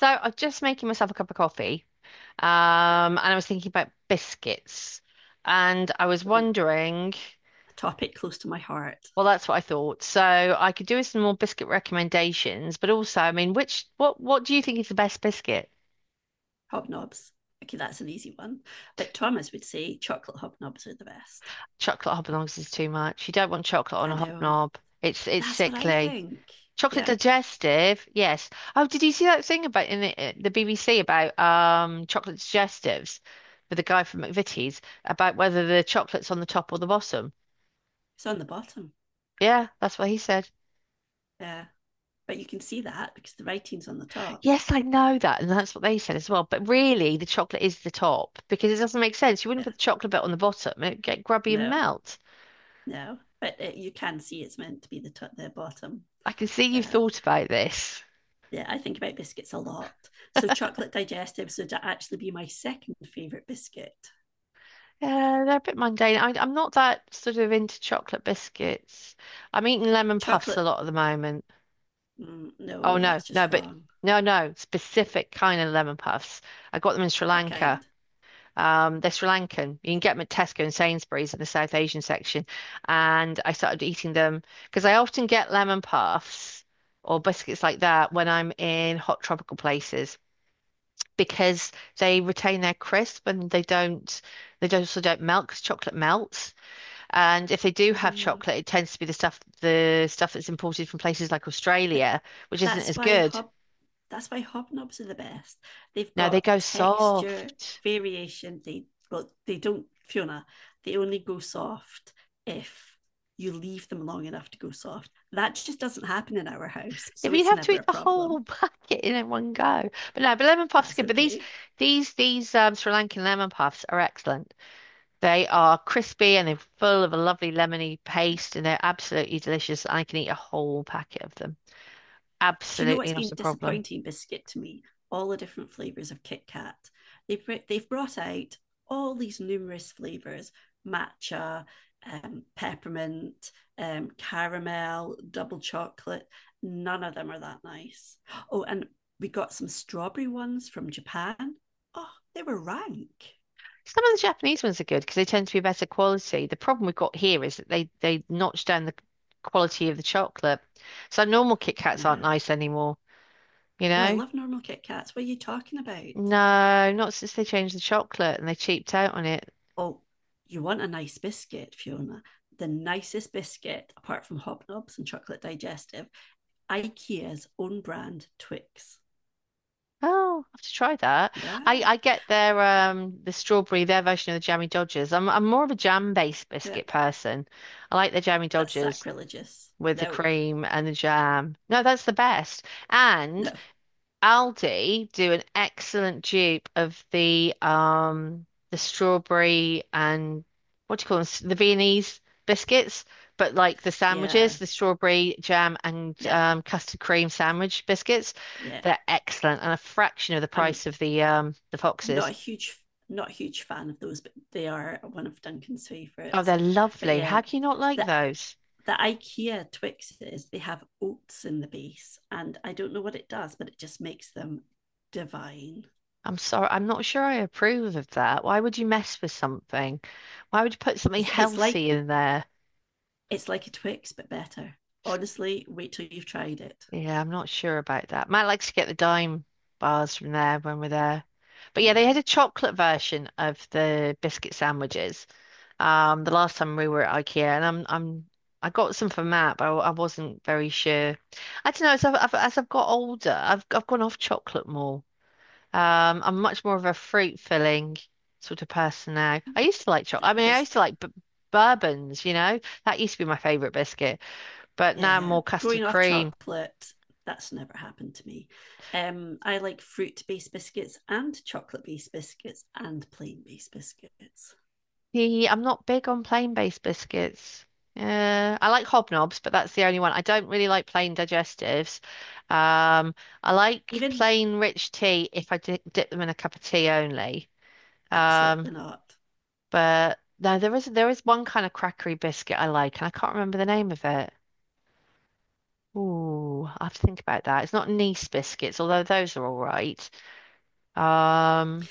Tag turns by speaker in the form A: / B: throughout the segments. A: So I'm just making myself a cup of coffee, um, and I was thinking about biscuits, and I was
B: Oh,
A: wondering,
B: a topic close to my heart
A: well, that's what I thought. So I could do with some more biscuit recommendations, but also, I mean, which what do you think is the best biscuit?
B: hobnobs. Okay, that's an easy one. But Thomas would say chocolate hobnobs are the best.
A: Chocolate hobnobs is too much. You don't want chocolate on
B: I
A: a
B: know.
A: hobnob. It's
B: That's what I
A: sickly.
B: think.
A: Chocolate
B: Yeah,
A: digestive, yes. Oh, did you see that thing about in the BBC about chocolate digestives with the guy from McVitie's about whether the chocolate's on the top or the bottom?
B: it's on the bottom.
A: Yeah, that's what he said.
B: Yeah, but you can see that because the writing's on the top.
A: Yes, I know that, and that's what they said as well. But really, the chocolate is the top because it doesn't make sense. You wouldn't
B: Yeah,
A: put the chocolate bit on the bottom; it'd get grubby and
B: no,
A: melt.
B: no, but you can see it's meant to be the top, the bottom.
A: I can see you've
B: Yeah.
A: thought about this.
B: Yeah, I think about biscuits a lot. So chocolate digestives would actually be my second favorite biscuit.
A: Yeah, they're a bit mundane. I'm not that sort of into chocolate biscuits. I'm eating lemon puffs a
B: Chocolate,
A: lot at the moment. Oh
B: no,
A: no,
B: that's
A: no,
B: just
A: but
B: wrong.
A: no, no, specific kind of lemon puffs. I got them in Sri
B: What
A: Lanka.
B: kind?
A: They're Sri Lankan. You can get them at Tesco and Sainsbury's in the South Asian section. And I started eating them because I often get lemon puffs or biscuits like that when I'm in hot tropical places because they retain their crisp and they don't also don't melt because chocolate melts. And if they do have
B: Mm,
A: chocolate, it tends to be the stuff that's imported from places like
B: but
A: Australia, which isn't
B: that's
A: as
B: why
A: good.
B: hob that's why hobnobs are the best. They've
A: Now they
B: got
A: go
B: texture
A: soft.
B: variation. They well, they don't Fiona. They only go soft if you leave them long enough to go soft. That just doesn't happen in our house,
A: Yeah,
B: so
A: but you'd
B: it's
A: have to
B: never a
A: eat the whole
B: problem.
A: bucket in one go. But no, but lemon puffs are
B: That's
A: good. But these
B: okay.
A: these these um Sri Lankan lemon puffs are excellent. They are crispy and they're full of a lovely lemony paste and they're absolutely delicious. I can eat a whole packet of them.
B: Do you know what's
A: Absolutely not
B: been
A: a problem.
B: disappointing, Biscuit, to me? All the different flavors of Kit Kat. They've brought out all these numerous flavors matcha, peppermint, caramel, double chocolate. None of them are that nice. Oh, and we got some strawberry ones from Japan. Oh, they were rank.
A: Some of the Japanese ones are good because they tend to be better quality. The problem we've got here is that they notch down the quality of the chocolate. So normal Kit Kats aren't
B: Yeah.
A: nice anymore, you
B: Oh, I
A: know?
B: love normal Kit Kats. What are you talking about?
A: No, not since they changed the chocolate and they cheaped out on it.
B: Oh, you want a nice biscuit, Fiona. The nicest biscuit, apart from Hobnobs and Chocolate Digestive, IKEA's own brand Twix.
A: Oh, I have to try that. I,
B: Yeah,
A: I get their the strawberry, their version of the jammy Dodgers. I'm more of a jam-based
B: yeah,
A: biscuit person. I like the jammy
B: that's
A: Dodgers
B: sacrilegious.
A: with the
B: Nope,
A: cream and the jam. No, that's the best. And
B: no,
A: Aldi do an excellent dupe of the strawberry and what do you call them? The Viennese biscuits, but like the
B: yeah,
A: sandwiches, the strawberry jam and
B: yeah,
A: custard cream sandwich biscuits,
B: yeah.
A: they're excellent and a fraction of the
B: I'm
A: price of the
B: not a
A: Foxes.
B: huge, not a huge fan of those, but they are one of Duncan's
A: Oh,
B: favourites.
A: they're
B: But
A: lovely.
B: yeah,
A: How can you not like
B: the
A: those?
B: the IKEA Twixes they have oats in the base, and I don't know what it does, but it just makes them divine.
A: I'm sorry, I'm not sure I approve of that. Why would you mess with something? Why would you put something
B: It's, it's like
A: healthy in there?
B: it's like a Twix but better. Honestly, wait till you've tried it.
A: Yeah, I'm not sure about that. Matt likes to get the dime bars from there when we're there. But yeah, they
B: Yeah,
A: had a chocolate version of the biscuit sandwiches. The last time we were at IKEA, and I got some for Matt, but I wasn't very sure. I don't know. As I've got older, I've gone off chocolate more. I'm much more of a fruit filling sort of person now. I used to like chocolate.
B: that
A: I mean, I
B: has
A: used to like b bourbons. You know, that used to be my favorite biscuit. But now I'm
B: yeah.
A: more custard
B: Going off
A: cream.
B: chocolate, that's never happened to me. I like fruit based biscuits and chocolate based biscuits and plain based biscuits.
A: See, I'm not big on plain-based biscuits. I like hobnobs, but that's the only one. I don't really like plain digestives. Um, I like
B: Even
A: plain rich tea if I di dip them in a cup of tea only. Um,
B: absolutely not.
A: but no, there is one kind of crackery biscuit I like, and I can't remember the name of it. Ooh, I have to think about that. It's not Nice biscuits, although those are all right. Um,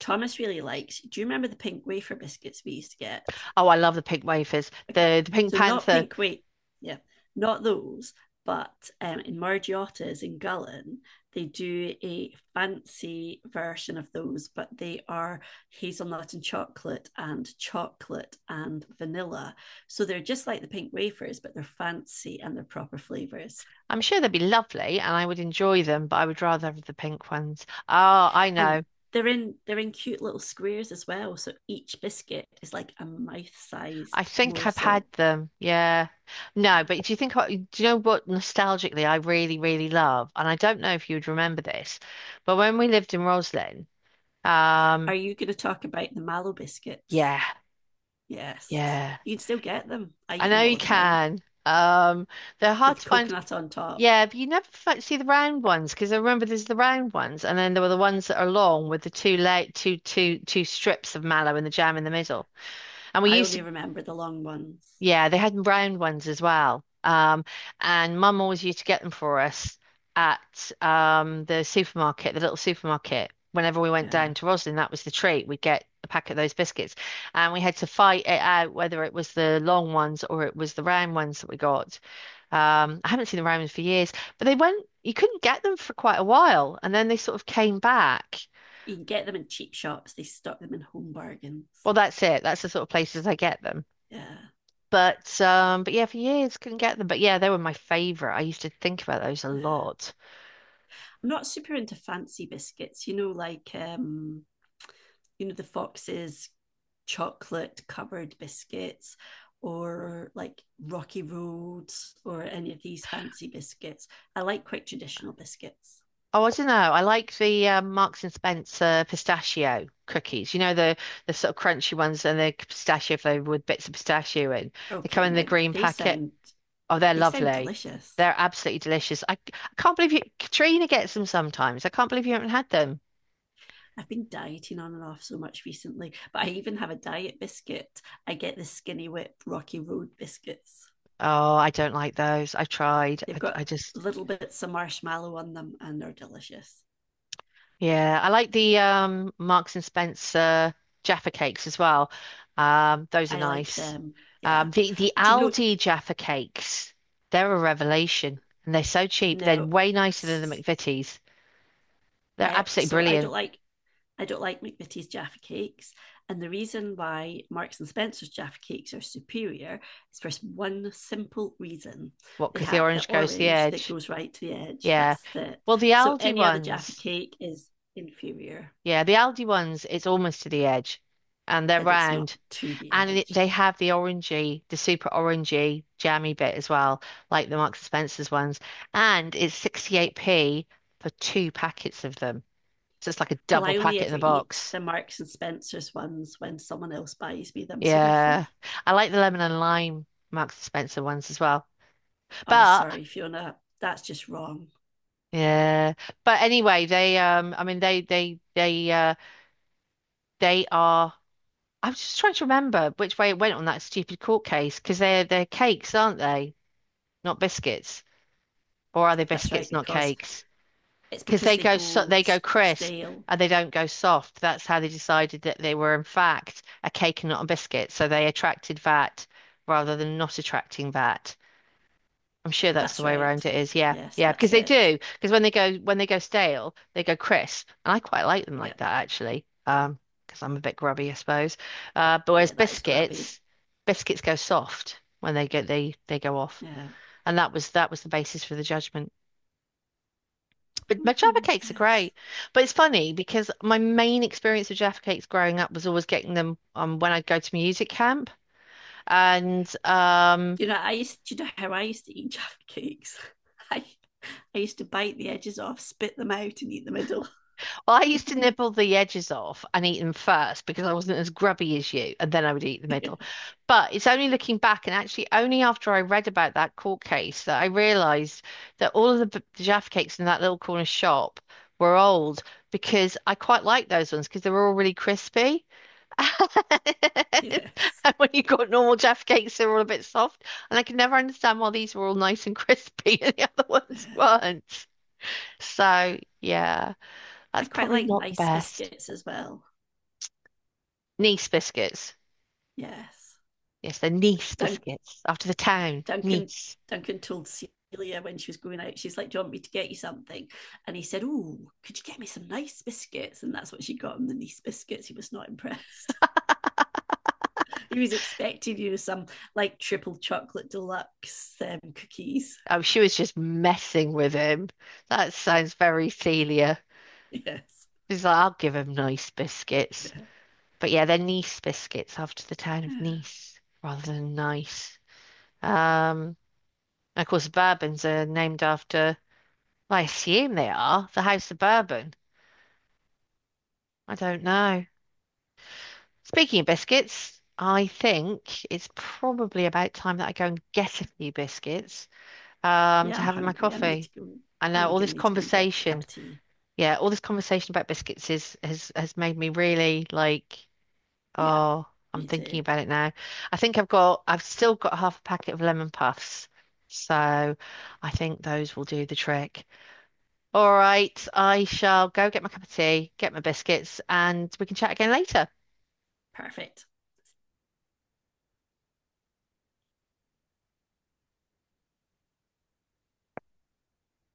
B: Thomas really likes. Do you remember the pink wafer biscuits we used to get?
A: oh, I love the pink wafers.
B: Okay.
A: The Pink
B: So not
A: Panther.
B: pink wheat. Yeah. Not those. But in Margiotta's in Gullin, they do a fancy version of those, but they are hazelnut and chocolate and chocolate and vanilla. So they're just like the pink wafers, but they're fancy and they're proper flavors.
A: I'm sure they'd be lovely and I would enjoy them, but I would rather have the pink ones. Oh, I
B: And
A: know.
B: they're in cute little squares as well. So each biscuit is like a
A: I
B: mouth-sized
A: think I've had
B: morsel.
A: them. Yeah. No, but do you think, do you know what nostalgically I really, really love? And I don't know if you would remember this, but when we lived in Roslyn, um,
B: Are you going to talk about the mallow biscuits?
A: yeah,
B: Yes.
A: yeah,
B: You can still get them. I
A: I
B: eat
A: know
B: them all
A: you
B: the time
A: can. Um, they're hard
B: with
A: to find.
B: coconut on top.
A: Yeah, but you never see the round ones because I remember there's the round ones, and then there were the ones that are long with the two late two two two strips of mallow and the jam in the middle. And we
B: I
A: used
B: only
A: to,
B: remember the long ones.
A: Yeah, they had round ones as well. And mum always used to get them for us at the supermarket, the little supermarket. Whenever we went
B: Yeah.
A: down to Roslyn, that was the treat. We'd get a pack of those biscuits. And we had to fight it out whether it was the long ones or it was the round ones that we got. I haven't seen the round ones for years, but they went, you couldn't get them for quite a while. And then they sort of came back.
B: You can get them in cheap shops. They stock them in home bargains.
A: Well, that's it. That's the sort of places I get them.
B: Yeah.
A: But yeah, for years couldn't get them. But yeah, they were my favorite. I used to think about those a
B: Yeah.
A: lot.
B: I'm not super into fancy biscuits, you know, like you know, the foxes chocolate covered biscuits or like Rocky Roads or any of these fancy biscuits. I like quite traditional biscuits.
A: Oh, I don't know. I like the Marks and Spencer pistachio cookies. You know the sort of crunchy ones and the pistachio flavored with bits of pistachio in. They come
B: Okay,
A: in the
B: now
A: green packet. Oh, they're
B: they sound
A: lovely.
B: delicious.
A: They're absolutely delicious. I can't believe you, Katrina gets them sometimes. I can't believe you haven't had them.
B: I've been dieting on and off so much recently, but I even have a diet biscuit. I get the Skinny Whip Rocky Road biscuits.
A: Oh, I don't like those. I tried.
B: They've
A: I, I
B: got
A: just
B: little bits of marshmallow on them and they're delicious.
A: Yeah, I like the Marks and Spencer Jaffa cakes as well. Those are
B: I like
A: nice.
B: them. Yeah.
A: The
B: Do you know?
A: Aldi Jaffa cakes, they're a revelation, and they're so cheap. They're
B: No.
A: way nicer than the
B: S-
A: McVitie's. They're
B: eh,
A: absolutely
B: so
A: brilliant.
B: I don't like McVitie's Jaffa cakes. And the reason why Marks and Spencer's Jaffa cakes are superior is for one simple reason.
A: What?
B: They
A: Because the
B: have the
A: orange goes to the
B: orange that
A: edge.
B: goes right to the edge.
A: Yeah.
B: That's it.
A: Well, the
B: So
A: Aldi
B: any other Jaffa
A: ones,
B: cake is inferior,
A: yeah, the Aldi ones, it's almost to the edge, and they're
B: but it's not
A: round.
B: to the
A: And it, they
B: edge.
A: have the orangey, the super orangey jammy bit as well, like the Marks and Spencer's ones. And it's 68p for two packets of them. So it's like a
B: Well,
A: double
B: I only
A: packet in
B: ever
A: the
B: eat
A: box.
B: the Marks and Spencer's ones when someone else buys me them, so they're
A: Yeah.
B: free.
A: I like the lemon and lime Marks and Spencer ones as well.
B: I'm
A: But
B: sorry, Fiona, that's just wrong.
A: yeah. But anyway, they I mean they are I'm just trying to remember which way it went on that stupid court case because they're cakes, aren't they? Not biscuits. Or are they
B: That's right,
A: biscuits, not
B: because
A: cakes?
B: it's
A: Because
B: because
A: they
B: they
A: go
B: go
A: crisp
B: stale.
A: and they don't go soft. That's how they decided that they were in fact a cake and not a biscuit. So they attracted VAT rather than not attracting VAT. I'm sure that's the
B: That's
A: way
B: right.
A: around it is. Yeah,
B: Yes,
A: yeah, because
B: that's
A: they
B: it.
A: do. Because when they go stale, they go crisp, and I quite like them
B: Yeah,
A: like that actually. Because I'm a bit grubby, I suppose. But whereas
B: yeah, that is grubby.
A: biscuits, biscuits go soft when they get they go off,
B: Yeah.
A: and that was the basis for the judgment. But my Jaffa
B: Mm,
A: cakes are
B: yes.
A: great. But it's funny because my main experience with Jaffa cakes growing up was always getting them when I'd go to music camp. And
B: Do you know I used? Do you know how I used to eat Jaffa cakes? I I used to bite the edges off, spit them out, and eat the middle.
A: Well, I used to nibble the edges off and eat them first because I wasn't as grubby as you. And then I would eat the
B: Yeah.
A: middle. But it's only looking back and actually only after I read about that court case that I realized that all of the Jaffa cakes in that little corner shop were old because I quite liked those ones because they were all really crispy.
B: Yes.
A: And when you got normal Jaffa cakes, they're all a bit soft. And I could never understand why these were all nice and crispy and the other ones
B: Yeah.
A: weren't. So, yeah,
B: I
A: that's
B: quite
A: probably
B: like
A: not the
B: nice
A: best.
B: biscuits as well.
A: Nice biscuits.
B: Yes.
A: Yes, they're Nice
B: Dun-
A: biscuits. After the town,
B: Duncan
A: Nice.
B: Duncan told Celia when she was going out, she's like, "Do you want me to get you something?" And he said, "Oh, could you get me some nice biscuits?" And that's what she got him the nice biscuits. He was not impressed. He was expecting you know some like triple chocolate deluxe cookies.
A: Oh, she was just messing with him. That sounds very Celia.
B: Yes.
A: She's like, I'll give him nice biscuits.
B: Yeah.
A: But yeah, they're Nice biscuits after the town of Nice rather than nice. Um, And Of course, the Bourbons are named after, well, I assume they are, the House of Bourbon. I don't know. Speaking of biscuits, I think it's probably about time that I go and get a few biscuits
B: Yeah,
A: to
B: I'm
A: have in my
B: hungry. I need to
A: coffee.
B: go.
A: I know
B: I'm
A: all
B: gonna
A: this
B: need to go and get a cup
A: conversation,
B: of tea.
A: yeah, all this conversation about biscuits is has made me really like,
B: Yeah,
A: oh, I'm
B: me
A: thinking
B: too.
A: about it now. I've still got half a packet of lemon puffs, so I think those will do the trick. All right, I shall go get my cup of tea, get my biscuits, and we can chat again later.
B: Perfect.